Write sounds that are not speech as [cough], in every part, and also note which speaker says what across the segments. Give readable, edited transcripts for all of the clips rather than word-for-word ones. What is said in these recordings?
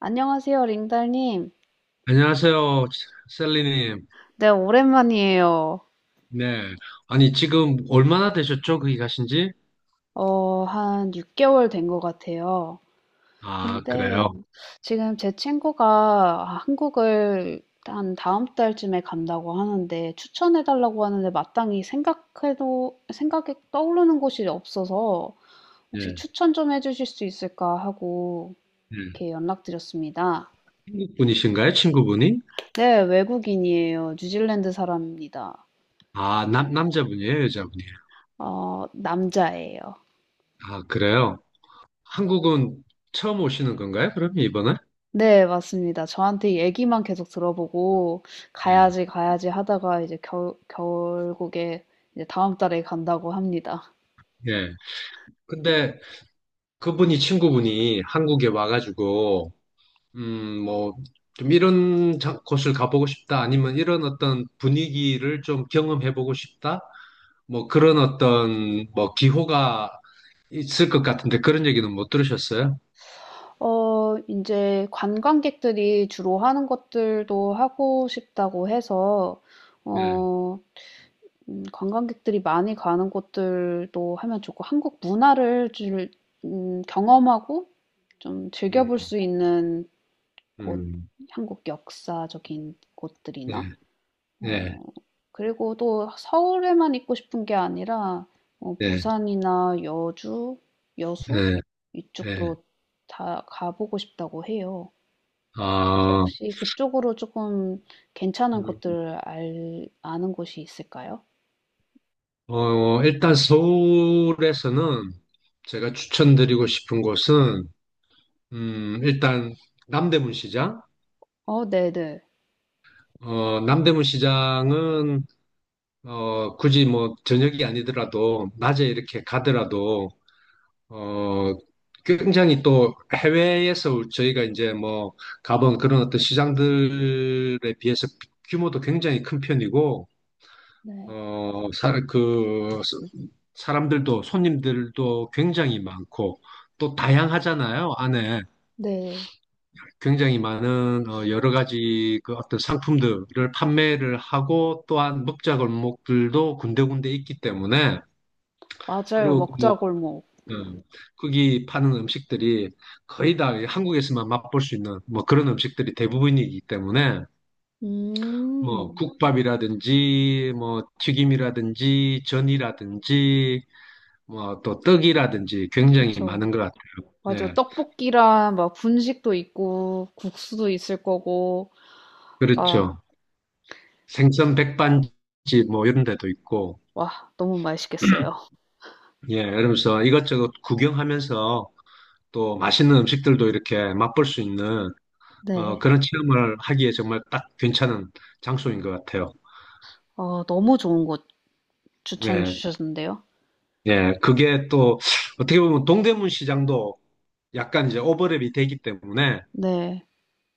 Speaker 1: 안녕하세요, 링달님.
Speaker 2: 안녕하세요, 셀리님.
Speaker 1: 네, 오랜만이에요.
Speaker 2: 네. 아니, 지금 얼마나 되셨죠? 거기 가신 지?
Speaker 1: 한 6개월 된 것 같아요.
Speaker 2: 아,
Speaker 1: 근데
Speaker 2: 그래요.
Speaker 1: 지금 제 친구가 한국을 한 다음 달쯤에 간다고 하는데, 추천해달라고 하는데 마땅히 생각해도, 생각에 떠오르는 곳이 없어서 혹시
Speaker 2: 예,
Speaker 1: 추천 좀 해주실 수 있을까 하고
Speaker 2: 예.
Speaker 1: 이렇게 연락드렸습니다.
Speaker 2: 한국분이신가요? 친구분이?
Speaker 1: 네, 외국인이에요. 뉴질랜드 사람입니다.
Speaker 2: 아, 남자분이에요? 여자분이에요?
Speaker 1: 남자예요.
Speaker 2: 아, 그래요. 한국은 처음 오시는 건가요? 그러면 이번에?
Speaker 1: 네, 맞습니다. 저한테 이 얘기만 계속 들어보고 가야지 가야지 하다가 이제 결국에 이제 다음 달에 간다고 합니다.
Speaker 2: 예, 예. 근데 그분이 친구분이 한국에 와가지고, 뭐, 좀 이런 곳을 가보고 싶다, 아니면 이런 어떤 분위기를 좀 경험해보고 싶다? 뭐 그런 어떤 뭐 기호가 있을 것 같은데 그런 얘기는 못 들으셨어요?
Speaker 1: 이제 관광객들이 주로 하는 것들도 하고 싶다고 해서.
Speaker 2: 네,
Speaker 1: 어, 관광객들이 많이 가는 곳들도 하면 좋고, 한국 문화를 경험하고 좀
Speaker 2: 음,
Speaker 1: 즐겨볼 수 있는 곳,
Speaker 2: 음,
Speaker 1: 한국 역사적인
Speaker 2: 네,
Speaker 1: 곳들이나,
Speaker 2: 네,
Speaker 1: 어, 그리고 또 서울에만 있고 싶은 게 아니라
Speaker 2: 네,
Speaker 1: 부산이나 여주, 여수
Speaker 2: 네, 네.
Speaker 1: 이쪽도 다 가보고 싶다고 해요. 그래서
Speaker 2: 아,
Speaker 1: 혹시 그쪽으로 조금 괜찮은
Speaker 2: 음.
Speaker 1: 곳들 아는 곳이 있을까요?
Speaker 2: 일단 서울에서는 제가 추천드리고 싶은 곳은 일단 남대문 시장.
Speaker 1: 어, 네네.
Speaker 2: 남대문 시장은 굳이 뭐 저녁이 아니더라도 낮에 이렇게 가더라도 어, 굉장히 또 해외에서 저희가 이제 뭐 가본 그런 어떤 시장들에 비해서 규모도 굉장히 큰 편이고,
Speaker 1: 네.
Speaker 2: 어, 사, 그, 사람들도 손님들도 굉장히 많고, 또 다양하잖아요. 안에
Speaker 1: 네. 네.
Speaker 2: 굉장히 많은 여러 가지 그 어떤 상품들을 판매를 하고, 또한 먹자골목들도 군데군데 있기 때문에,
Speaker 1: 맞아요.
Speaker 2: 그리고 그
Speaker 1: 먹자골목.
Speaker 2: 어, 거기 파는 음식들이 거의 다 한국에서만 맛볼 수 있는 뭐 그런 음식들이 대부분이기 때문에 뭐
Speaker 1: 음,
Speaker 2: 국밥이라든지 뭐 튀김이라든지 전이라든지 뭐 또 떡이라든지 굉장히 많은
Speaker 1: 그쵸.
Speaker 2: 것 같아요.
Speaker 1: 맞아.
Speaker 2: 예,
Speaker 1: 떡볶이랑 막 분식도 있고, 국수도 있을 거고, 아,
Speaker 2: 그렇죠. 생선 백반집 뭐 이런 데도 있고,
Speaker 1: 와, 너무 맛있겠어요.
Speaker 2: 예, 이러면서 이것저것 구경하면서 또 맛있는 음식들도 이렇게 맛볼 수 있는
Speaker 1: 네.
Speaker 2: 그런 체험을 하기에 정말 딱 괜찮은 장소인 것 같아요.
Speaker 1: 어, 너무 좋은 곳 추천
Speaker 2: 예.
Speaker 1: 주셨는데요.
Speaker 2: 예, 그게 또 어떻게 보면 동대문 시장도 약간 이제 오버랩이 되기 때문에
Speaker 1: 네.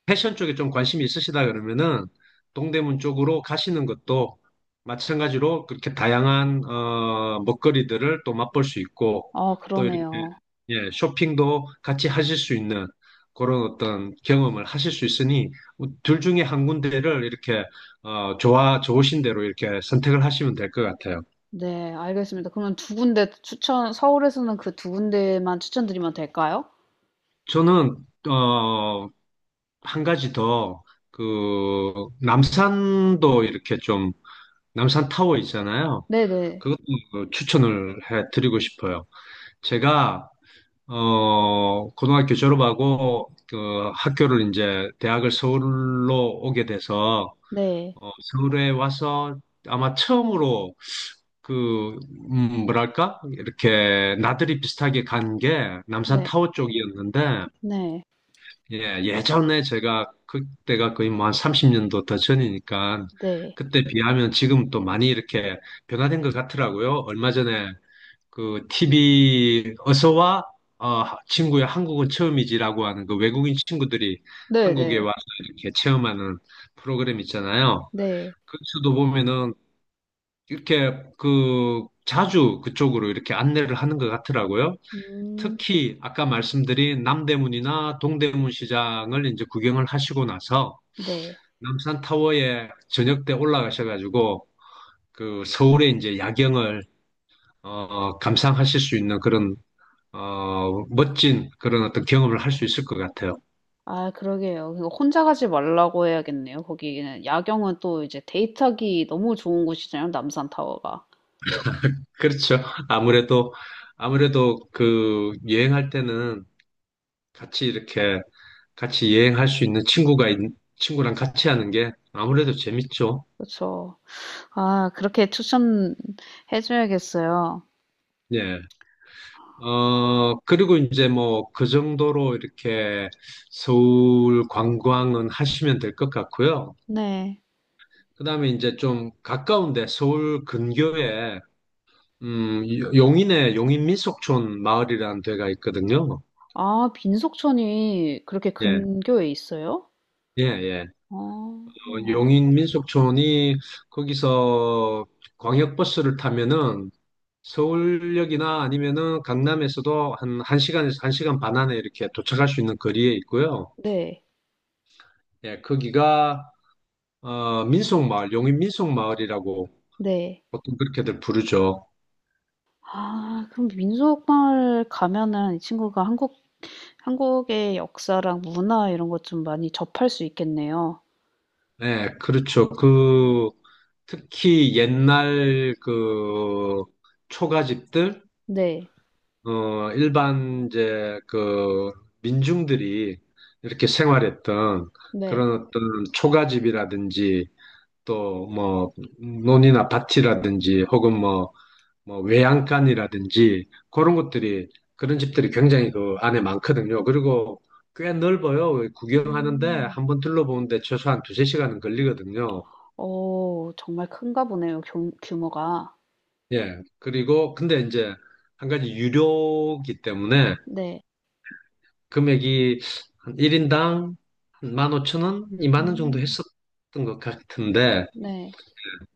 Speaker 2: 패션 쪽에 좀 관심이 있으시다 그러면은 동대문 쪽으로 가시는 것도 마찬가지로 그렇게 다양한 먹거리들을 또 맛볼 수 있고
Speaker 1: 아,
Speaker 2: 또 이렇게,
Speaker 1: 그러네요.
Speaker 2: 예, 쇼핑도 같이 하실 수 있는 그런 어떤 경험을 하실 수 있으니 둘 중에 한 군데를 이렇게 어, 좋아 좋으신 대로 이렇게 선택을 하시면 될 것 같아요.
Speaker 1: 네, 알겠습니다. 그러면 두 군데 추천, 서울에서는 그 두 군데만 추천드리면 될까요?
Speaker 2: 저는 어, 한 가지 더, 그, 남산도 이렇게 좀, 남산 타워 있잖아요.
Speaker 1: 네네.
Speaker 2: 그것도 그 추천을 해 드리고 싶어요. 제가, 고등학교 졸업하고, 학교를 이제, 대학을 서울로 오게 돼서,
Speaker 1: 네.
Speaker 2: 서울에 와서 아마 처음으로 그, 뭐랄까? 이렇게 나들이 비슷하게 간 게 남산
Speaker 1: 네.
Speaker 2: 타워 쪽이었는데,
Speaker 1: 네.
Speaker 2: 예, 예전에 제가 그때가 거의 뭐 한 30년도 더 전이니까
Speaker 1: 네.
Speaker 2: 그때 비하면 지금 또 많이 이렇게 변화된 것 같더라고요. 얼마 전에 그 TV 어서와 친구야 한국은 처음이지라고 하는 그 외국인 친구들이
Speaker 1: 네네. 네.
Speaker 2: 한국에
Speaker 1: 네.
Speaker 2: 와서 이렇게 체험하는 프로그램 있잖아요.
Speaker 1: 네.
Speaker 2: 그쪽도 보면은 이렇게 그 자주 그쪽으로 이렇게 안내를 하는 것 같더라고요.
Speaker 1: 음.
Speaker 2: 특히 아까 말씀드린 남대문이나 동대문 시장을 이제 구경을 하시고 나서
Speaker 1: 네.
Speaker 2: 남산타워에 저녁 때 올라가셔가지고 그 서울의 이제 야경을 감상하실 수 있는 그런 멋진 그런 어떤 경험을 할 수 있을 것 같아요.
Speaker 1: 아, 그러게요. 그거 혼자 가지 말라고 해야겠네요. 거기는 야경은 또 이제 데이트하기 너무 좋은 곳이잖아요, 남산타워가.
Speaker 2: 그렇죠. 아무래도 아무래도 그 여행할 때는 같이 이렇게 같이 여행할 수 있는 친구랑 같이 하는 게 아무래도 재밌죠.
Speaker 1: 그죠. 아, 그렇게 추천해 줘야겠어요.
Speaker 2: 예. 그리고 이제 뭐 그 정도로 이렇게 서울 관광은 하시면 될 것 같고요.
Speaker 1: 네.
Speaker 2: 그다음에 이제 좀 가까운데 서울 근교에 음, 용인에 용인 민속촌 마을이라는 데가 있거든요.
Speaker 1: 아, 민속촌이 그렇게
Speaker 2: 예.
Speaker 1: 근교에 있어요?
Speaker 2: 예, 예.
Speaker 1: 아,
Speaker 2: 용인 민속촌이 거기서 광역버스를 타면은 서울역이나 아니면은 강남에서도 한 1시간에서 1시간 반 안에 이렇게 도착할 수 있는 거리에 있고요.
Speaker 1: 네,
Speaker 2: 예, 거기가 민속마을, 용인 민속마을이라고
Speaker 1: 네.
Speaker 2: 보통 그렇게들 부르죠.
Speaker 1: 아, 그럼 민속마을 가면은 이 친구가 한국, 한국의 역사랑 문화 이런 것 좀 많이 접할 수 있겠네요.
Speaker 2: 네, 그렇죠. 특히 옛날 그 초가집들,
Speaker 1: 네,
Speaker 2: 일반 이제 그 민중들이 이렇게 생활했던
Speaker 1: 네.
Speaker 2: 그런 어떤 초가집이라든지 또 뭐 논이나 밭이라든지 혹은 뭐 외양간이라든지 그런 집들이 굉장히 그 안에 많거든요. 그리고 꽤 넓어요. 구경하는데
Speaker 1: 음,
Speaker 2: 한번 둘러보는데 최소한 두세 시간은 걸리거든요.
Speaker 1: 어, 정말 큰가 보네요, 규모가.
Speaker 2: 예. 그리고 근데 이제 한 가지 유료기 때문에
Speaker 1: 네,
Speaker 2: 금액이 한 1인당 한 15,000원, 25,000원 20,000원 정도
Speaker 1: 음,
Speaker 2: 했었던 것 같은데
Speaker 1: 네.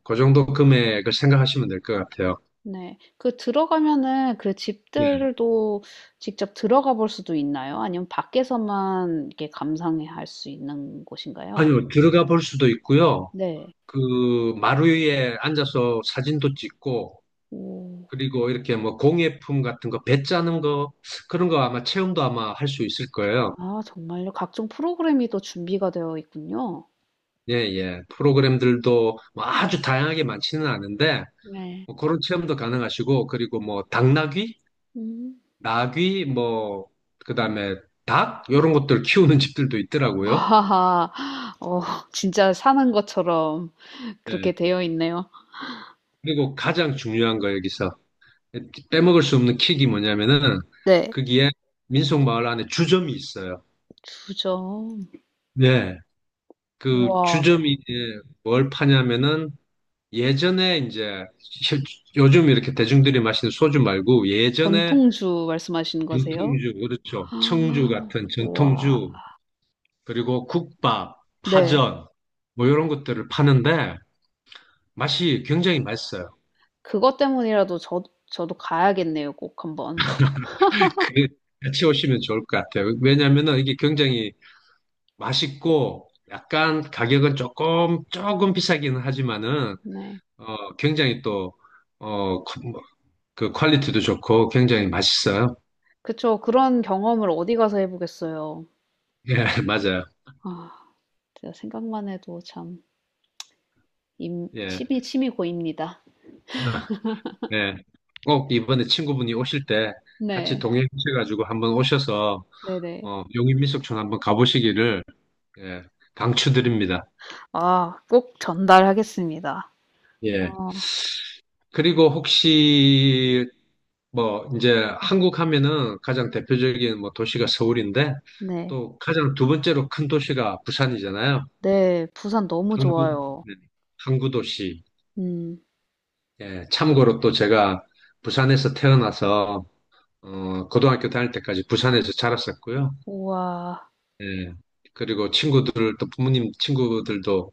Speaker 2: 그 정도 금액을 생각하시면 될 것 같아요.
Speaker 1: 네. 그 들어가면은 그
Speaker 2: 예.
Speaker 1: 집들도 직접 들어가 볼 수도 있나요? 아니면 밖에서만 이렇게 감상해 할 수 있는 곳인가요?
Speaker 2: 아니요, 들어가 볼 수도 있고요.
Speaker 1: 네.
Speaker 2: 그 마루 위에 앉아서 사진도 찍고
Speaker 1: 오.
Speaker 2: 그리고 이렇게 뭐 공예품 같은 거, 배 짜는 거, 그런 거 아마 체험도 아마 할 수 있을 거예요.
Speaker 1: 아 정말요? 각종 프로그램이 또 준비가 되어 있군요.
Speaker 2: 예, 예. 프로그램들도 뭐 아주 다양하게 많지는 않은데,
Speaker 1: 네.
Speaker 2: 뭐 그런 체험도 가능하시고, 그리고 뭐 당나귀,
Speaker 1: 음.
Speaker 2: 나귀, 뭐, 그 다음에 닭, 이런 것들 키우는 집들도
Speaker 1: [laughs]
Speaker 2: 있더라고요.
Speaker 1: 와. 어, 진짜 사는 것처럼 그렇게
Speaker 2: 예.
Speaker 1: 되어 있네요.
Speaker 2: 그리고 가장 중요한 거 여기서 빼먹을 수 없는 킥이 뭐냐면은,
Speaker 1: 네.
Speaker 2: 거기에 민속마을 안에 주점이 있어요.
Speaker 1: 주점.
Speaker 2: 네. 그
Speaker 1: 우와.
Speaker 2: 주점이 이제 뭘 파냐면은 예전에 이제 요즘 이렇게 대중들이 마시는 소주 말고 예전에
Speaker 1: 전통주 말씀하시는 거세요?
Speaker 2: 전통주,
Speaker 1: [gasps]
Speaker 2: 그렇죠. 청주
Speaker 1: 아.
Speaker 2: 같은
Speaker 1: 우와.
Speaker 2: 전통주, 그리고 국밥,
Speaker 1: 네.
Speaker 2: 파전, 뭐 이런 것들을 파는데 맛이 굉장히 맛있어요.
Speaker 1: 그것 때문이라도 저도 가야겠네요, 꼭 한번.
Speaker 2: 그 같이 오시면 좋을 것 같아요. 왜냐면은 이게 굉장히 맛있고 약간 가격은 조금 비싸기는 하지만은
Speaker 1: 네.
Speaker 2: 굉장히 또, 그 뭐, 그 퀄리티도 좋고 굉장히 맛있어요.
Speaker 1: 그쵸. 그런 경험을 어디 가서 해 보겠어요.
Speaker 2: 예, [laughs] 맞아요.
Speaker 1: 아, 진짜 생각만 해도 참 임
Speaker 2: 예.
Speaker 1: 침이 침이 고입니다.
Speaker 2: 네. 꼭 이번에 친구분이 오실 때 같이
Speaker 1: 네.
Speaker 2: 동행하셔가지고 한번 오셔서
Speaker 1: 네네.
Speaker 2: 용인민속촌 한번 가보시기를, 예, 강추드립니다.
Speaker 1: 아 꼭 전달하겠습니다.
Speaker 2: 예.
Speaker 1: 아
Speaker 2: 그리고 혹시 뭐 이제 한국 하면은 가장 대표적인 뭐 도시가 서울인데
Speaker 1: 네.
Speaker 2: 또 가장 두 번째로 큰 도시가 부산이잖아요.
Speaker 1: 네. 부산 너무
Speaker 2: 항구,
Speaker 1: 좋아요.
Speaker 2: 네, 항구 도시.
Speaker 1: 음.
Speaker 2: 예, 참고로 또 제가 부산에서 태어나서 고등학교 다닐 때까지 부산에서 자랐었고요.
Speaker 1: 우와.
Speaker 2: 예. 그리고 친구들, 또 부모님 친구들도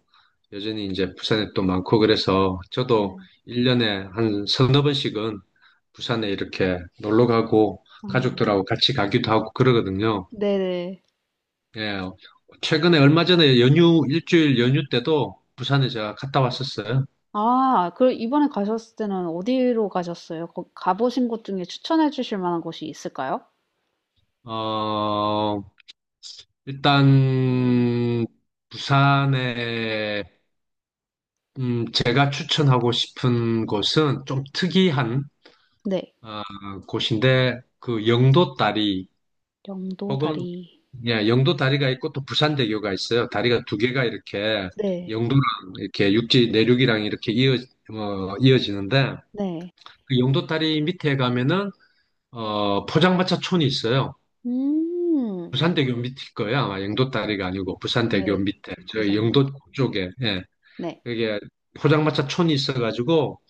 Speaker 2: 여전히 이제 부산에 또 많고 그래서
Speaker 1: 네.
Speaker 2: 저도 1년에 한 서너 번씩은 부산에 이렇게 놀러 가고
Speaker 1: 아
Speaker 2: 가족들하고 같이 가기도 하고 그러거든요.
Speaker 1: 네네.
Speaker 2: 예. 최근에 얼마 전에 연휴, 일주일 연휴 때도 부산에 제가 갔다 왔었어요.
Speaker 1: 아, 그럼 이번에 가셨을 때는 어디로 가셨어요? 거 가 보신 곳 중에 추천해 주실 만한 곳이 있을까요?
Speaker 2: 어, 일단 부산에 제가 추천하고 싶은 곳은 좀 특이한
Speaker 1: 네.
Speaker 2: 아, 곳인데 그 영도 다리 혹은,
Speaker 1: 영도다리.
Speaker 2: 예, 영도 다리가 있고 또 부산대교가 있어요. 다리가 두 개가 이렇게
Speaker 1: 네.
Speaker 2: 영도랑 이렇게 육지 내륙이랑 이어지는데
Speaker 1: 네.
Speaker 2: 그 영도 다리 밑에 가면은 포장마차촌이 있어요.
Speaker 1: 음.
Speaker 2: 부산대교 밑일 거예요. 아마 영도 다리가 아니고 부산대교
Speaker 1: 네.
Speaker 2: 밑에 저
Speaker 1: 부산대교.
Speaker 2: 영도 쪽에, 예,
Speaker 1: 네.
Speaker 2: 그게 포장마차촌이 있어가지고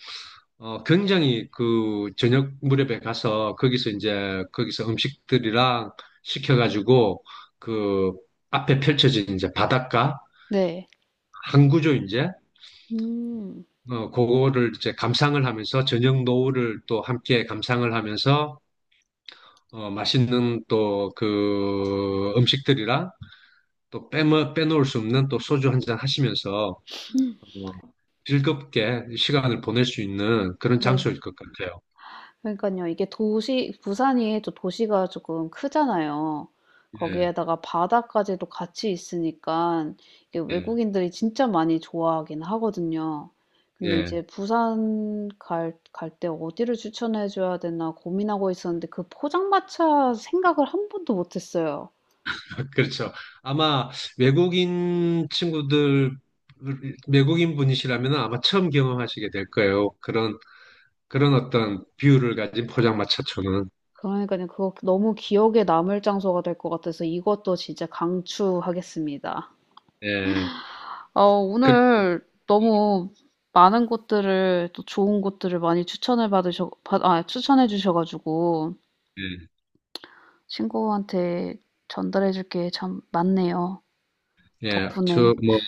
Speaker 2: 굉장히 그 저녁 무렵에 가서 거기서 음식들이랑 시켜가지고 그 앞에 펼쳐진 이제 바닷가
Speaker 1: 네.
Speaker 2: 한 구조 이제
Speaker 1: 음.
Speaker 2: 그거를 이제 감상을 하면서 저녁 노을을 또 함께 감상을 하면서 맛있는 또 그 음식들이랑 또 빼놓을 수 없는 또 소주 한잔 하시면서
Speaker 1: 음,
Speaker 2: 어, 즐겁게 시간을 보낼 수 있는 그런
Speaker 1: 네.
Speaker 2: 장소일 것 같아요.
Speaker 1: 그러니까요, 이게 도시 부산이 또 도시가 조금 크잖아요.
Speaker 2: 예,
Speaker 1: 거기에다가 바다까지도 같이 있으니까 이게
Speaker 2: 예,
Speaker 1: 외국인들이 진짜 많이 좋아하긴 하거든요. 근데
Speaker 2: 예.
Speaker 1: 이제 부산 갈 때 어디를 추천해 줘야 되나 고민하고 있었는데, 그 포장마차 생각을 한 번도 못 했어요.
Speaker 2: 그렇죠. 아마 외국인 친구들, 외국인 분이시라면 아마 처음 경험하시게 될 거예요. 그런 어떤 뷰를 가진 포장마차촌은.
Speaker 1: 그러니까요. 그거 너무 기억에 남을 장소가 될 것 같아서 이것도 진짜 강추하겠습니다.
Speaker 2: 예.
Speaker 1: 어,
Speaker 2: 그,
Speaker 1: 오늘 너무 많은 곳들을 또 좋은 곳들을 많이 추천을 추천해 주셔가지고
Speaker 2: 예.
Speaker 1: 친구한테 전달해 줄게 참 많네요.
Speaker 2: 예. 저,
Speaker 1: 덕분에.
Speaker 2: 뭐,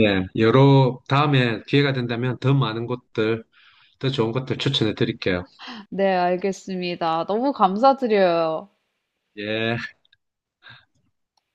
Speaker 2: 예. 다음에 기회가 된다면 더 많은 곳들, 더 좋은 곳들 추천해 드릴게요.
Speaker 1: 네, 알겠습니다. 너무 감사드려요.
Speaker 2: 예.